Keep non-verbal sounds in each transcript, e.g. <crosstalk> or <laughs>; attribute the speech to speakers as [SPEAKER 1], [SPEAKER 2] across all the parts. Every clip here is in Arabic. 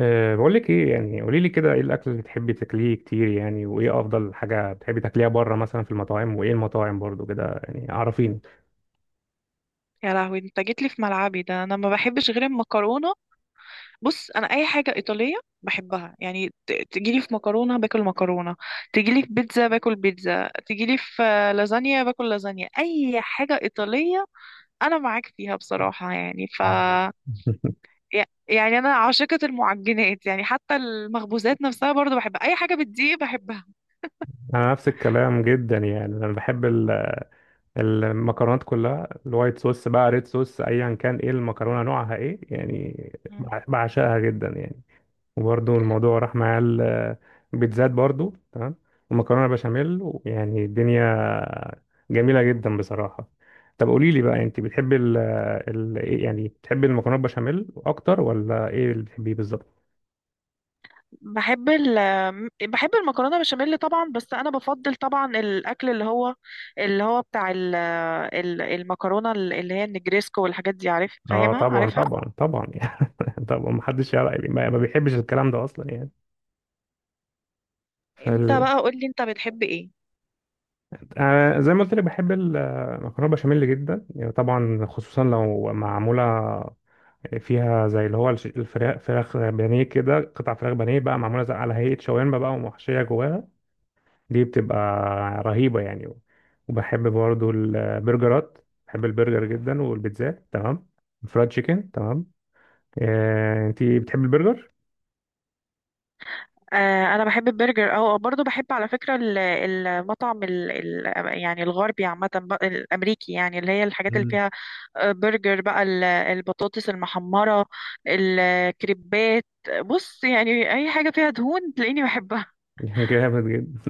[SPEAKER 1] بقول لك ايه يعني، قولي لي كده، ايه الاكل اللي بتحبي تاكليه كتير يعني؟ وايه افضل حاجه بتحبي تاكليها بره مثلا في المطاعم؟ وايه المطاعم برضو كده يعني، عارفين؟
[SPEAKER 2] يا لهوي انت جيت لي في ملعبي ده. انا ما بحبش غير المكرونه. بص انا اي حاجه ايطاليه بحبها يعني. تجي لي في مكرونه باكل مكرونه، تجي لي في بيتزا باكل بيتزا، تجي لي في لازانيا باكل لازانيا. اي حاجه ايطاليه انا معاك فيها بصراحه يعني. ف
[SPEAKER 1] آه.
[SPEAKER 2] يعني انا عاشقه المعجنات، يعني حتى المخبوزات نفسها برضو بحبها. اي حاجه بتضيق بحبها.
[SPEAKER 1] انا نفس الكلام جدا يعني، انا بحب المكرونات كلها، الوايت صوص بقى ريد صوص ايا كان، ايه المكرونه نوعها ايه يعني، بعشقها جدا يعني. وبرده الموضوع راح معاه البيتزات برده تمام، ومكرونه بشاميل. يعني الدنيا جميله جدا بصراحه. طب قولي لي بقى، انت بتحبي ال إيه يعني؟ بتحبي المكرونه بشاميل اكتر ولا ايه اللي بتحبيه بالظبط؟
[SPEAKER 2] بحب ال بحب المكرونه بشاميل طبعا، بس انا بفضل طبعا الاكل اللي هو بتاع المكرونه اللي هي النجريسكو والحاجات دي، عارف،
[SPEAKER 1] اه
[SPEAKER 2] فاهمها،
[SPEAKER 1] طبعا
[SPEAKER 2] عارفها.
[SPEAKER 1] طبعا طبعا <laughs> يعني، طبعا ما حدش يعرف يعني، ما بيحبش الكلام ده اصلا يعني.
[SPEAKER 2] انت
[SPEAKER 1] فال...
[SPEAKER 2] بقى قولي انت بتحب ايه؟
[SPEAKER 1] أنا زي ما قلت لك بحب المكرونه بشاميل جدا يعني، طبعا خصوصا لو معموله فيها زي اللي هو الفراخ، فراخ بانيه كده، قطع فراخ بانيه بقى معموله زي على هيئه شاورما بقى ومحشيه جواها، دي بتبقى رهيبه يعني. وبحب برضو البرجرات، بحب البرجر جدا والبيتزات تمام، فرايد تشيكن تمام. انتي بتحب البرجر؟
[SPEAKER 2] انا بحب البرجر، او برضو بحب على فكره ال- المطعم ال ال يعني الغربي عامه بقى، الامريكي يعني، اللي هي الحاجات اللي
[SPEAKER 1] مم.
[SPEAKER 2] فيها برجر بقى، البطاطس المحمره، الكريبات. بص يعني اي حاجه فيها دهون تلاقيني بحبها.
[SPEAKER 1] <laughs> جامد جدا،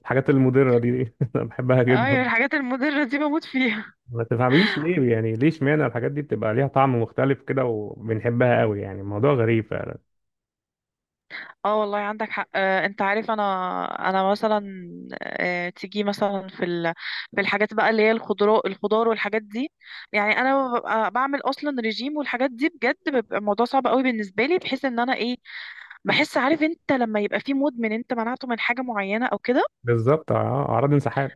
[SPEAKER 1] الحاجات المضره دي <laughs> انا بحبها
[SPEAKER 2] ايوه
[SPEAKER 1] جدا.
[SPEAKER 2] الحاجات المضرة دي بموت فيها.
[SPEAKER 1] ما تفهميش ليه يعني، ليه اشمعنى الحاجات دي بتبقى ليها طعم مختلف كده وبنحبها قوي يعني، الموضوع غريب فعلا.
[SPEAKER 2] اه والله عندك حق. انت عارف انا، انا مثلا، تيجي مثلا في الحاجات بقى اللي هي الخضراء، الخضار والحاجات دي، يعني انا ببقى بعمل اصلا رجيم والحاجات دي بجد بيبقى الموضوع صعب قوي بالنسبة لي، بحيث ان انا ايه، بحس عارف انت لما يبقى في مدمن انت منعته من حاجة معينة او كده.
[SPEAKER 1] بالظبط، اه، اعراض انسحاب.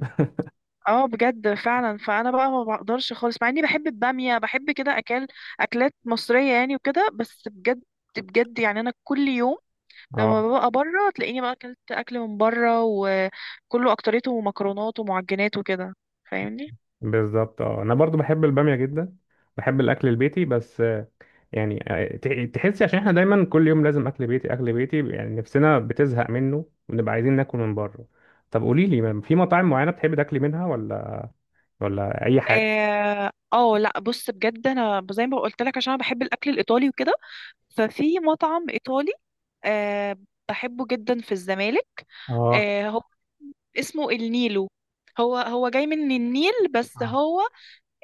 [SPEAKER 2] اه بجد فعلا، فانا بقى ما بقدرش خالص مع اني بحب البامية، بحب كده اكلات مصرية يعني وكده، بس بجد بجد يعني انا كل يوم
[SPEAKER 1] <laughs> اه
[SPEAKER 2] لما ببقى بره تلاقيني بقى اكلت اكل من بره وكله اكتريته مكرونات ومعجنات وكده، فاهمني.
[SPEAKER 1] بالظبط، اه انا برضو بحب الباميه جدا. بحب الاكل البيتي بس يعني تحسي عشان احنا دايما كل يوم لازم اكل بيتي اكل بيتي، يعني نفسنا بتزهق منه ونبقى عايزين ناكل من بره. طب قولي لي، في مطاعم معينه بتحبي تاكلي منها، ولا اي حاجه؟
[SPEAKER 2] اه لا بص بجد انا زي ما قلت لك عشان انا بحب الاكل الايطالي وكده، ففي مطعم ايطالي آه بحبه جدا في الزمالك.
[SPEAKER 1] اه
[SPEAKER 2] آه هو اسمه النيلو، هو هو جاي من النيل، بس
[SPEAKER 1] اه،
[SPEAKER 2] هو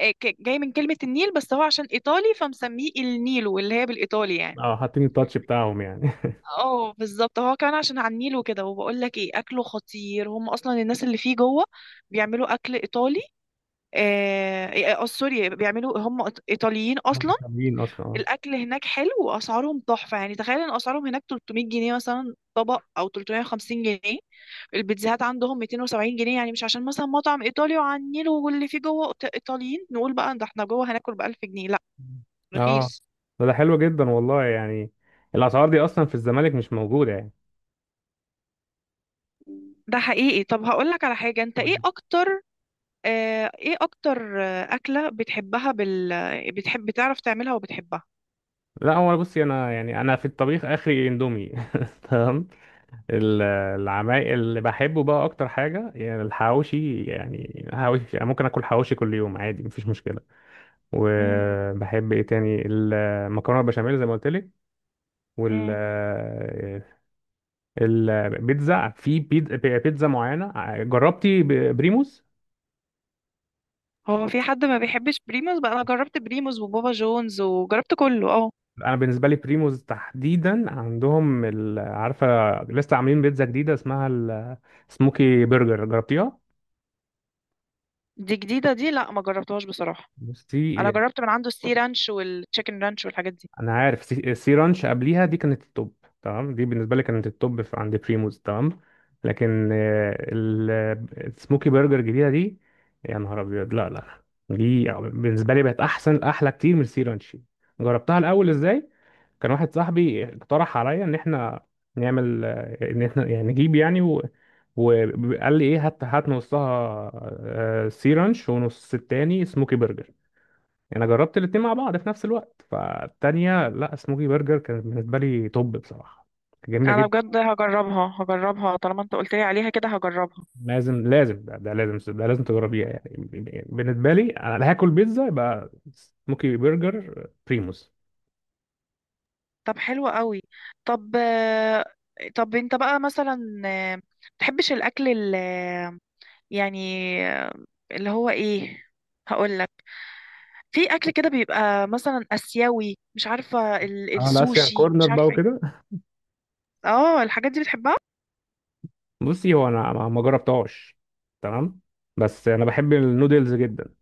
[SPEAKER 2] آه جاي من كلمة النيل، بس هو عشان ايطالي فمسميه النيلو اللي هي بالايطالي يعني.
[SPEAKER 1] حاطين التاتش بتاعهم يعني. <laughs>
[SPEAKER 2] اه بالظبط، هو كمان عشان على النيل وكده، وبقول لك ايه، اكله خطير. هم اصلا الناس اللي فيه جوه بيعملوا اكل ايطالي، سوري، بيعملوا هم ايطاليين
[SPEAKER 1] هم
[SPEAKER 2] اصلا.
[SPEAKER 1] حلوين اصلا اه.
[SPEAKER 2] الاكل هناك حلو واسعارهم تحفه. يعني تخيل ان اسعارهم هناك 300 جنيه مثلا طبق، او 350 جنيه، البيتزاهات عندهم 270 جنيه. يعني مش عشان مثلا مطعم ايطالي وعلى النيل واللي فيه جوه ايطاليين نقول بقى ده احنا جوه هناكل ب 1000 جنيه، لا،
[SPEAKER 1] اه،
[SPEAKER 2] رخيص.
[SPEAKER 1] ده حلو جدا والله يعني، الاسعار دي اصلا في الزمالك مش موجوده يعني.
[SPEAKER 2] ده حقيقي. طب هقول لك على حاجه، انت ايه اكتر ايه اكتر اكلة بتحبها بتحب بتعرف تعملها وبتحبها؟
[SPEAKER 1] لا هو بصي، انا يعني انا في الطبيخ اخري اندومي. <laughs> تمام، ال- العمايل اللي بحبه بقى اكتر حاجه يعني الحواوشي، يعني حواوشي، يعني ممكن اكل حواوشي كل يوم عادي مفيش مشكله.
[SPEAKER 2] مم.
[SPEAKER 1] وبحب ايه تاني؟ المكرونه البشاميل زي ما قلت لك. وال
[SPEAKER 2] مم.
[SPEAKER 1] البيتزا في بيتزا معينه، جربتي بريموز؟
[SPEAKER 2] هو في حد ما بيحبش بريموز بقى؟ انا جربت بريموز وبابا جونز وجربت كله. اه
[SPEAKER 1] انا بالنسبه لي بريموز تحديدا عندهم عارفه، لسه عاملين بيتزا جديده اسمها السموكي برجر، جربتيها؟
[SPEAKER 2] دي جديدة؟ دي لا ما جربتهاش بصراحة. انا
[SPEAKER 1] بصي
[SPEAKER 2] جربت من عنده السي رانش والتشيكن رانش والحاجات دي.
[SPEAKER 1] انا عارف، سي رانش قبليها دي كانت التوب، تمام دي بالنسبه لي كانت التوب في عند بريموز تمام. لكن السموكي برجر الجديده دي، يا نهار ابيض، لا لا. لا، دي بالنسبه لي بقت احسن، احلى كتير من سي رانش. جربتها الاول ازاي؟ كان واحد صاحبي اقترح عليا ان احنا نعمل، ان احنا يعني نجيب يعني وقال لي ايه، هات، هات نصها سي رانش ونص التاني سموكي برجر. يعني انا جربت الاتنين مع بعض في نفس الوقت، فالتانية لا، سموكي برجر كانت بالنسبة لي توب بصراحة، كانت جميلة
[SPEAKER 2] انا
[SPEAKER 1] جدا.
[SPEAKER 2] بجد هجربها، هجربها طالما انت قلت لي عليها كده هجربها.
[SPEAKER 1] لازم لازم، ده لازم، ده لازم تجربيها يعني. بالنسبة لي انا لا، هاكل بيتزا يبقى سموكي برجر بريموس.
[SPEAKER 2] طب حلو قوي. طب طب انت بقى مثلا، تحبش الاكل يعني اللي هو ايه، هقول لك، في اكل كده بيبقى مثلا اسيوي، مش عارفه
[SPEAKER 1] اه الاسيان
[SPEAKER 2] السوشي،
[SPEAKER 1] كورنر
[SPEAKER 2] مش
[SPEAKER 1] بقى
[SPEAKER 2] عارفه ايه،
[SPEAKER 1] وكده،
[SPEAKER 2] اه الحاجات دي بتحبها؟
[SPEAKER 1] بصي هو انا ما جربتهاش، تمام. بس انا بحب النودلز جدا،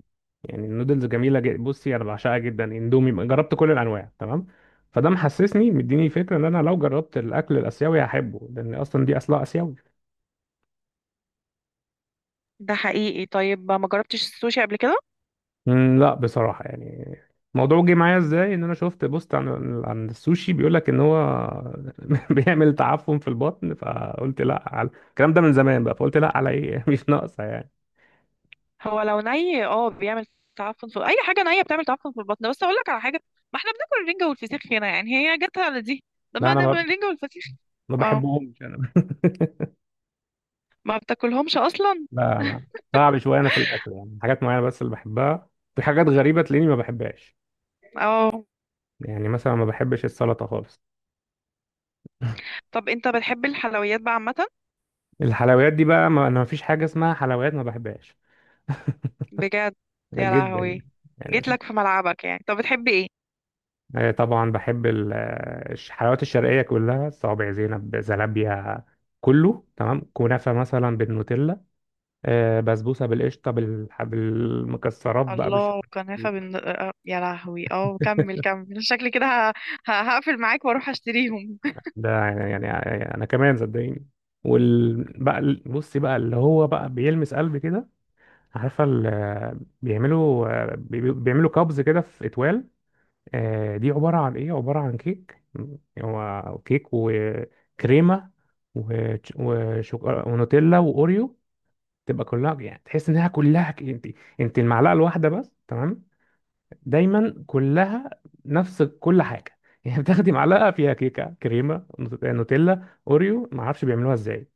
[SPEAKER 1] يعني النودلز جميله جدا. بصي انا بعشقها جدا، اندومي جربت كل الانواع تمام، فده محسسني مديني فكره ان انا لو جربت الاكل الاسيوي هحبه، لان اصلا دي اصلها اسيوي.
[SPEAKER 2] ده حقيقي. طيب ما جربتش السوشي قبل كده؟
[SPEAKER 1] لا بصراحه يعني، الموضوع جه معايا ازاي ان انا شفت بوست عن عن السوشي، بيقول لك ان هو <laughs> بيعمل تعفن في البطن، فقلت لا على الكلام ده من زمان بقى، فقلت لا على ايه، <laughs> مش ناقصه يعني.
[SPEAKER 2] هو لو ني اه بيعمل تعفن في اي حاجه نيه بتعمل تعفن في البطن، بس اقول لك على حاجه، ما احنا بناكل الرنجه والفسيخ هنا يعني، هي جاتها على دي؟ طب
[SPEAKER 1] لا
[SPEAKER 2] ما
[SPEAKER 1] انا
[SPEAKER 2] ده
[SPEAKER 1] ما
[SPEAKER 2] ما الرنجه والفسيخ.
[SPEAKER 1] ما
[SPEAKER 2] اه
[SPEAKER 1] بحبهمش انا.
[SPEAKER 2] ما بتاكلهمش اصلا.
[SPEAKER 1] <laughs> لا صعب شويه انا في الاكل يعني، حاجات معينه بس اللي بحبها، في حاجات غريبه تلاقيني ما بحبهاش،
[SPEAKER 2] اه
[SPEAKER 1] يعني مثلا ما بحبش السلطة خالص.
[SPEAKER 2] طب انت بتحب الحلويات بقى عامه؟
[SPEAKER 1] الحلويات دي بقى، ما انا ما فيش حاجة اسمها حلويات، ما بحبهاش
[SPEAKER 2] بجد؟ يا
[SPEAKER 1] جدا يعني.
[SPEAKER 2] لهوي،
[SPEAKER 1] يعني
[SPEAKER 2] جيت لك في ملعبك يعني. طب بتحبي ايه؟
[SPEAKER 1] طبعا بحب الحلويات الشرقية كلها، صوابع زينب، زلابيا، كله تمام، كنافة مثلا بالنوتيلا، بسبوسة بالقشطة بالمكسرات بقى،
[SPEAKER 2] الله،
[SPEAKER 1] بالشوكولاتة.
[SPEAKER 2] كنافة بن... آه، يا لهوي. اه كمل
[SPEAKER 1] <laughs>
[SPEAKER 2] كمل، شكلي كده ه... هقفل معاك واروح اشتريهم.
[SPEAKER 1] ده يعني, يعني انا كمان صدقيني. وال بقى بصي بقى اللي هو بقى بيلمس قلبي كده، عارفه بيعملوا بيعملوا كابز كده في اتوال، دي عبارة عن إيه؟ عبارة عن كيك هو كيك وكريمة ونوتيلا وأوريو، تبقى كلها، يعني تحس إنها كلها أنت المعلقة الواحدة بس تمام، دايما كلها نفس كل حاجة. <laughs> يعني بتاخدي معلقة فيها كيكة، كريمة، نوتيلا، أوريو، معرفش بيعملوها إزاي،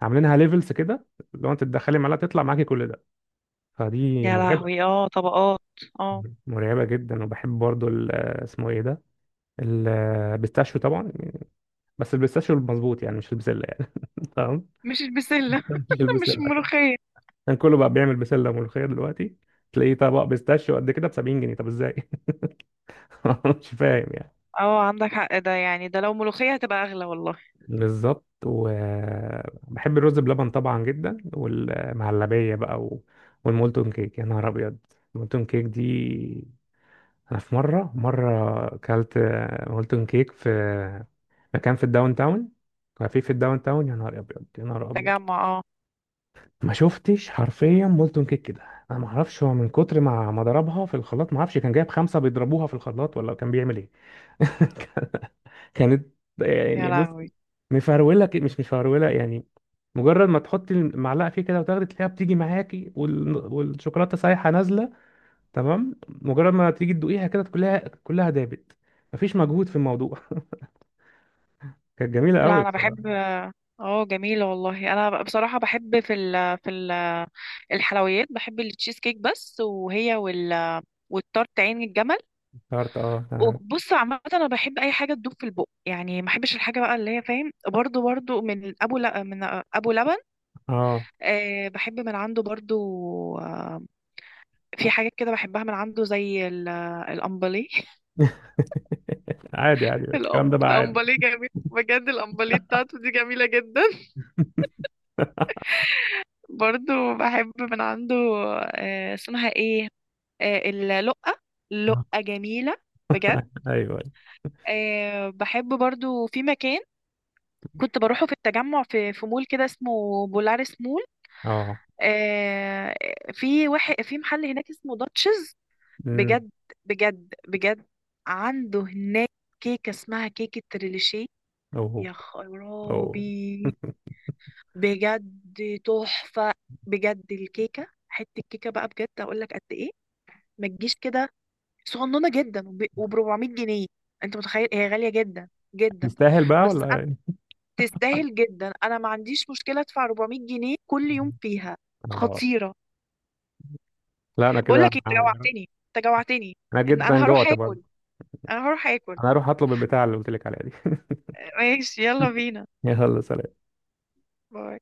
[SPEAKER 1] عاملينها ليفلز كده، لو أنت تدخلي معلقة تطلع معاكي كل ده، فدي
[SPEAKER 2] يا لهوي،
[SPEAKER 1] مرعبة.
[SPEAKER 2] اه طبقات. اه
[SPEAKER 1] مرعبة جدا. وبحب برضو اسمه ايه ده، البيستاشيو طبعا. بس البيستاشيو المظبوط يعني، مش البسله يعني. <laughs> تمام،
[SPEAKER 2] مش البسلة.
[SPEAKER 1] مش
[SPEAKER 2] <laughs>
[SPEAKER 1] البسله. <laughs>
[SPEAKER 2] مش
[SPEAKER 1] عشان
[SPEAKER 2] الملوخية.
[SPEAKER 1] يعني كله بقى بيعمل بسله ملوخيه دلوقتي، تلاقيه طبق بيستاشيو قد كده ب 70 جنيه، طب ازاي؟ <laughs> مش فاهم يعني.
[SPEAKER 2] اه عندك حق، ده يعني ده لو ملوخية هتبقى اغلى والله.
[SPEAKER 1] بالظبط، وبحب الرز بلبن طبعا جدا، والمهلبيه بقى والمولتون كيك، يا نهار ابيض. المولتون كيك دي، انا في مره اكلت مولتون كيك في مكان في الداون تاون، كافيه في الداون تاون، يا نهار ابيض، يا نهار ابيض،
[SPEAKER 2] تجمع اه.
[SPEAKER 1] ما شفتش حرفيا بولتون كيك كده. انا ما اعرفش، هو من كتر ما ضربها في الخلاط، ما اعرفش كان جايب خمسه بيضربوها في الخلاط ولا كان بيعمل ايه. <laughs> كانت،
[SPEAKER 2] يا
[SPEAKER 1] يعني بص،
[SPEAKER 2] لهوي.
[SPEAKER 1] مفروله كده، مش مفروله يعني، مجرد ما تحطي المعلقه فيه كده وتاخدي، تلاقيها بتيجي معاكي والشوكولاته سايحه نازله، تمام مجرد ما تيجي تدوقيها كده، كلها كلها دابت، مفيش مجهود في الموضوع. <laughs> كانت جميله
[SPEAKER 2] لا
[SPEAKER 1] قوي
[SPEAKER 2] انا
[SPEAKER 1] بصراحه،
[SPEAKER 2] بحب، اه جميلة والله. انا بصراحة بحب في ال في ال الحلويات بحب التشيز كيك بس، وهي والتارت عين الجمل.
[SPEAKER 1] افتكرت، اه اه.
[SPEAKER 2] وبص عامة أنا بحب أي حاجة تدوب في البق يعني، ما بحبش الحاجة بقى اللي هي فاهم، برضو برضو من من أبو لبن.
[SPEAKER 1] آه.
[SPEAKER 2] أه بحب من عنده برضو. آه، في حاجات كده بحبها من عنده زي الأمبلي. <laughs>
[SPEAKER 1] عادي عادي الكلام ده بقى عادي.
[SPEAKER 2] الأمبلي جميل بجد، الأمبلي بتاعته دي جميلة جدا. <laughs> برضو بحب من عنده أه اسمها إيه، أه اللقة،
[SPEAKER 1] آه.
[SPEAKER 2] اللقة جميلة بجد.
[SPEAKER 1] ايوه أيوة.
[SPEAKER 2] أه بحب برضو في مكان كنت بروحه في التجمع، في مول كده اسمه بولارس مول،
[SPEAKER 1] اه،
[SPEAKER 2] آه، في واحد في محل هناك اسمه داتشز.
[SPEAKER 1] امم
[SPEAKER 2] بجد بجد بجد، عنده هناك كيكة اسمها كيكة ريليشيه. يا
[SPEAKER 1] أو،
[SPEAKER 2] خرابي، بجد تحفة. بجد الكيكة حتة كيكة بقى، بجد اقول لك قد ايه، ما تجيش كده، صغننة جدا، وب 400 جنيه. انت متخيل؟ هي غالية جدا جدا،
[SPEAKER 1] يستاهل بقى
[SPEAKER 2] بس
[SPEAKER 1] ولا
[SPEAKER 2] انا
[SPEAKER 1] يعني؟
[SPEAKER 2] تستاهل جدا، انا ما عنديش مشكلة ادفع 400 جنيه كل يوم فيها،
[SPEAKER 1] آه.
[SPEAKER 2] خطيرة.
[SPEAKER 1] لا أنا
[SPEAKER 2] بقول
[SPEAKER 1] كده.
[SPEAKER 2] لك إيه، انت جوعتني، انت جوعتني
[SPEAKER 1] أنا
[SPEAKER 2] ان
[SPEAKER 1] جدا
[SPEAKER 2] انا هروح
[SPEAKER 1] جوعت
[SPEAKER 2] اكل،
[SPEAKER 1] برضه،
[SPEAKER 2] انا هروح اكل.
[SPEAKER 1] أنا هروح أطلب البتاع اللي قلت لك عليها دي.
[SPEAKER 2] ماشي يلا
[SPEAKER 1] <laughs>
[SPEAKER 2] بينا.
[SPEAKER 1] يلا سلام.
[SPEAKER 2] باي.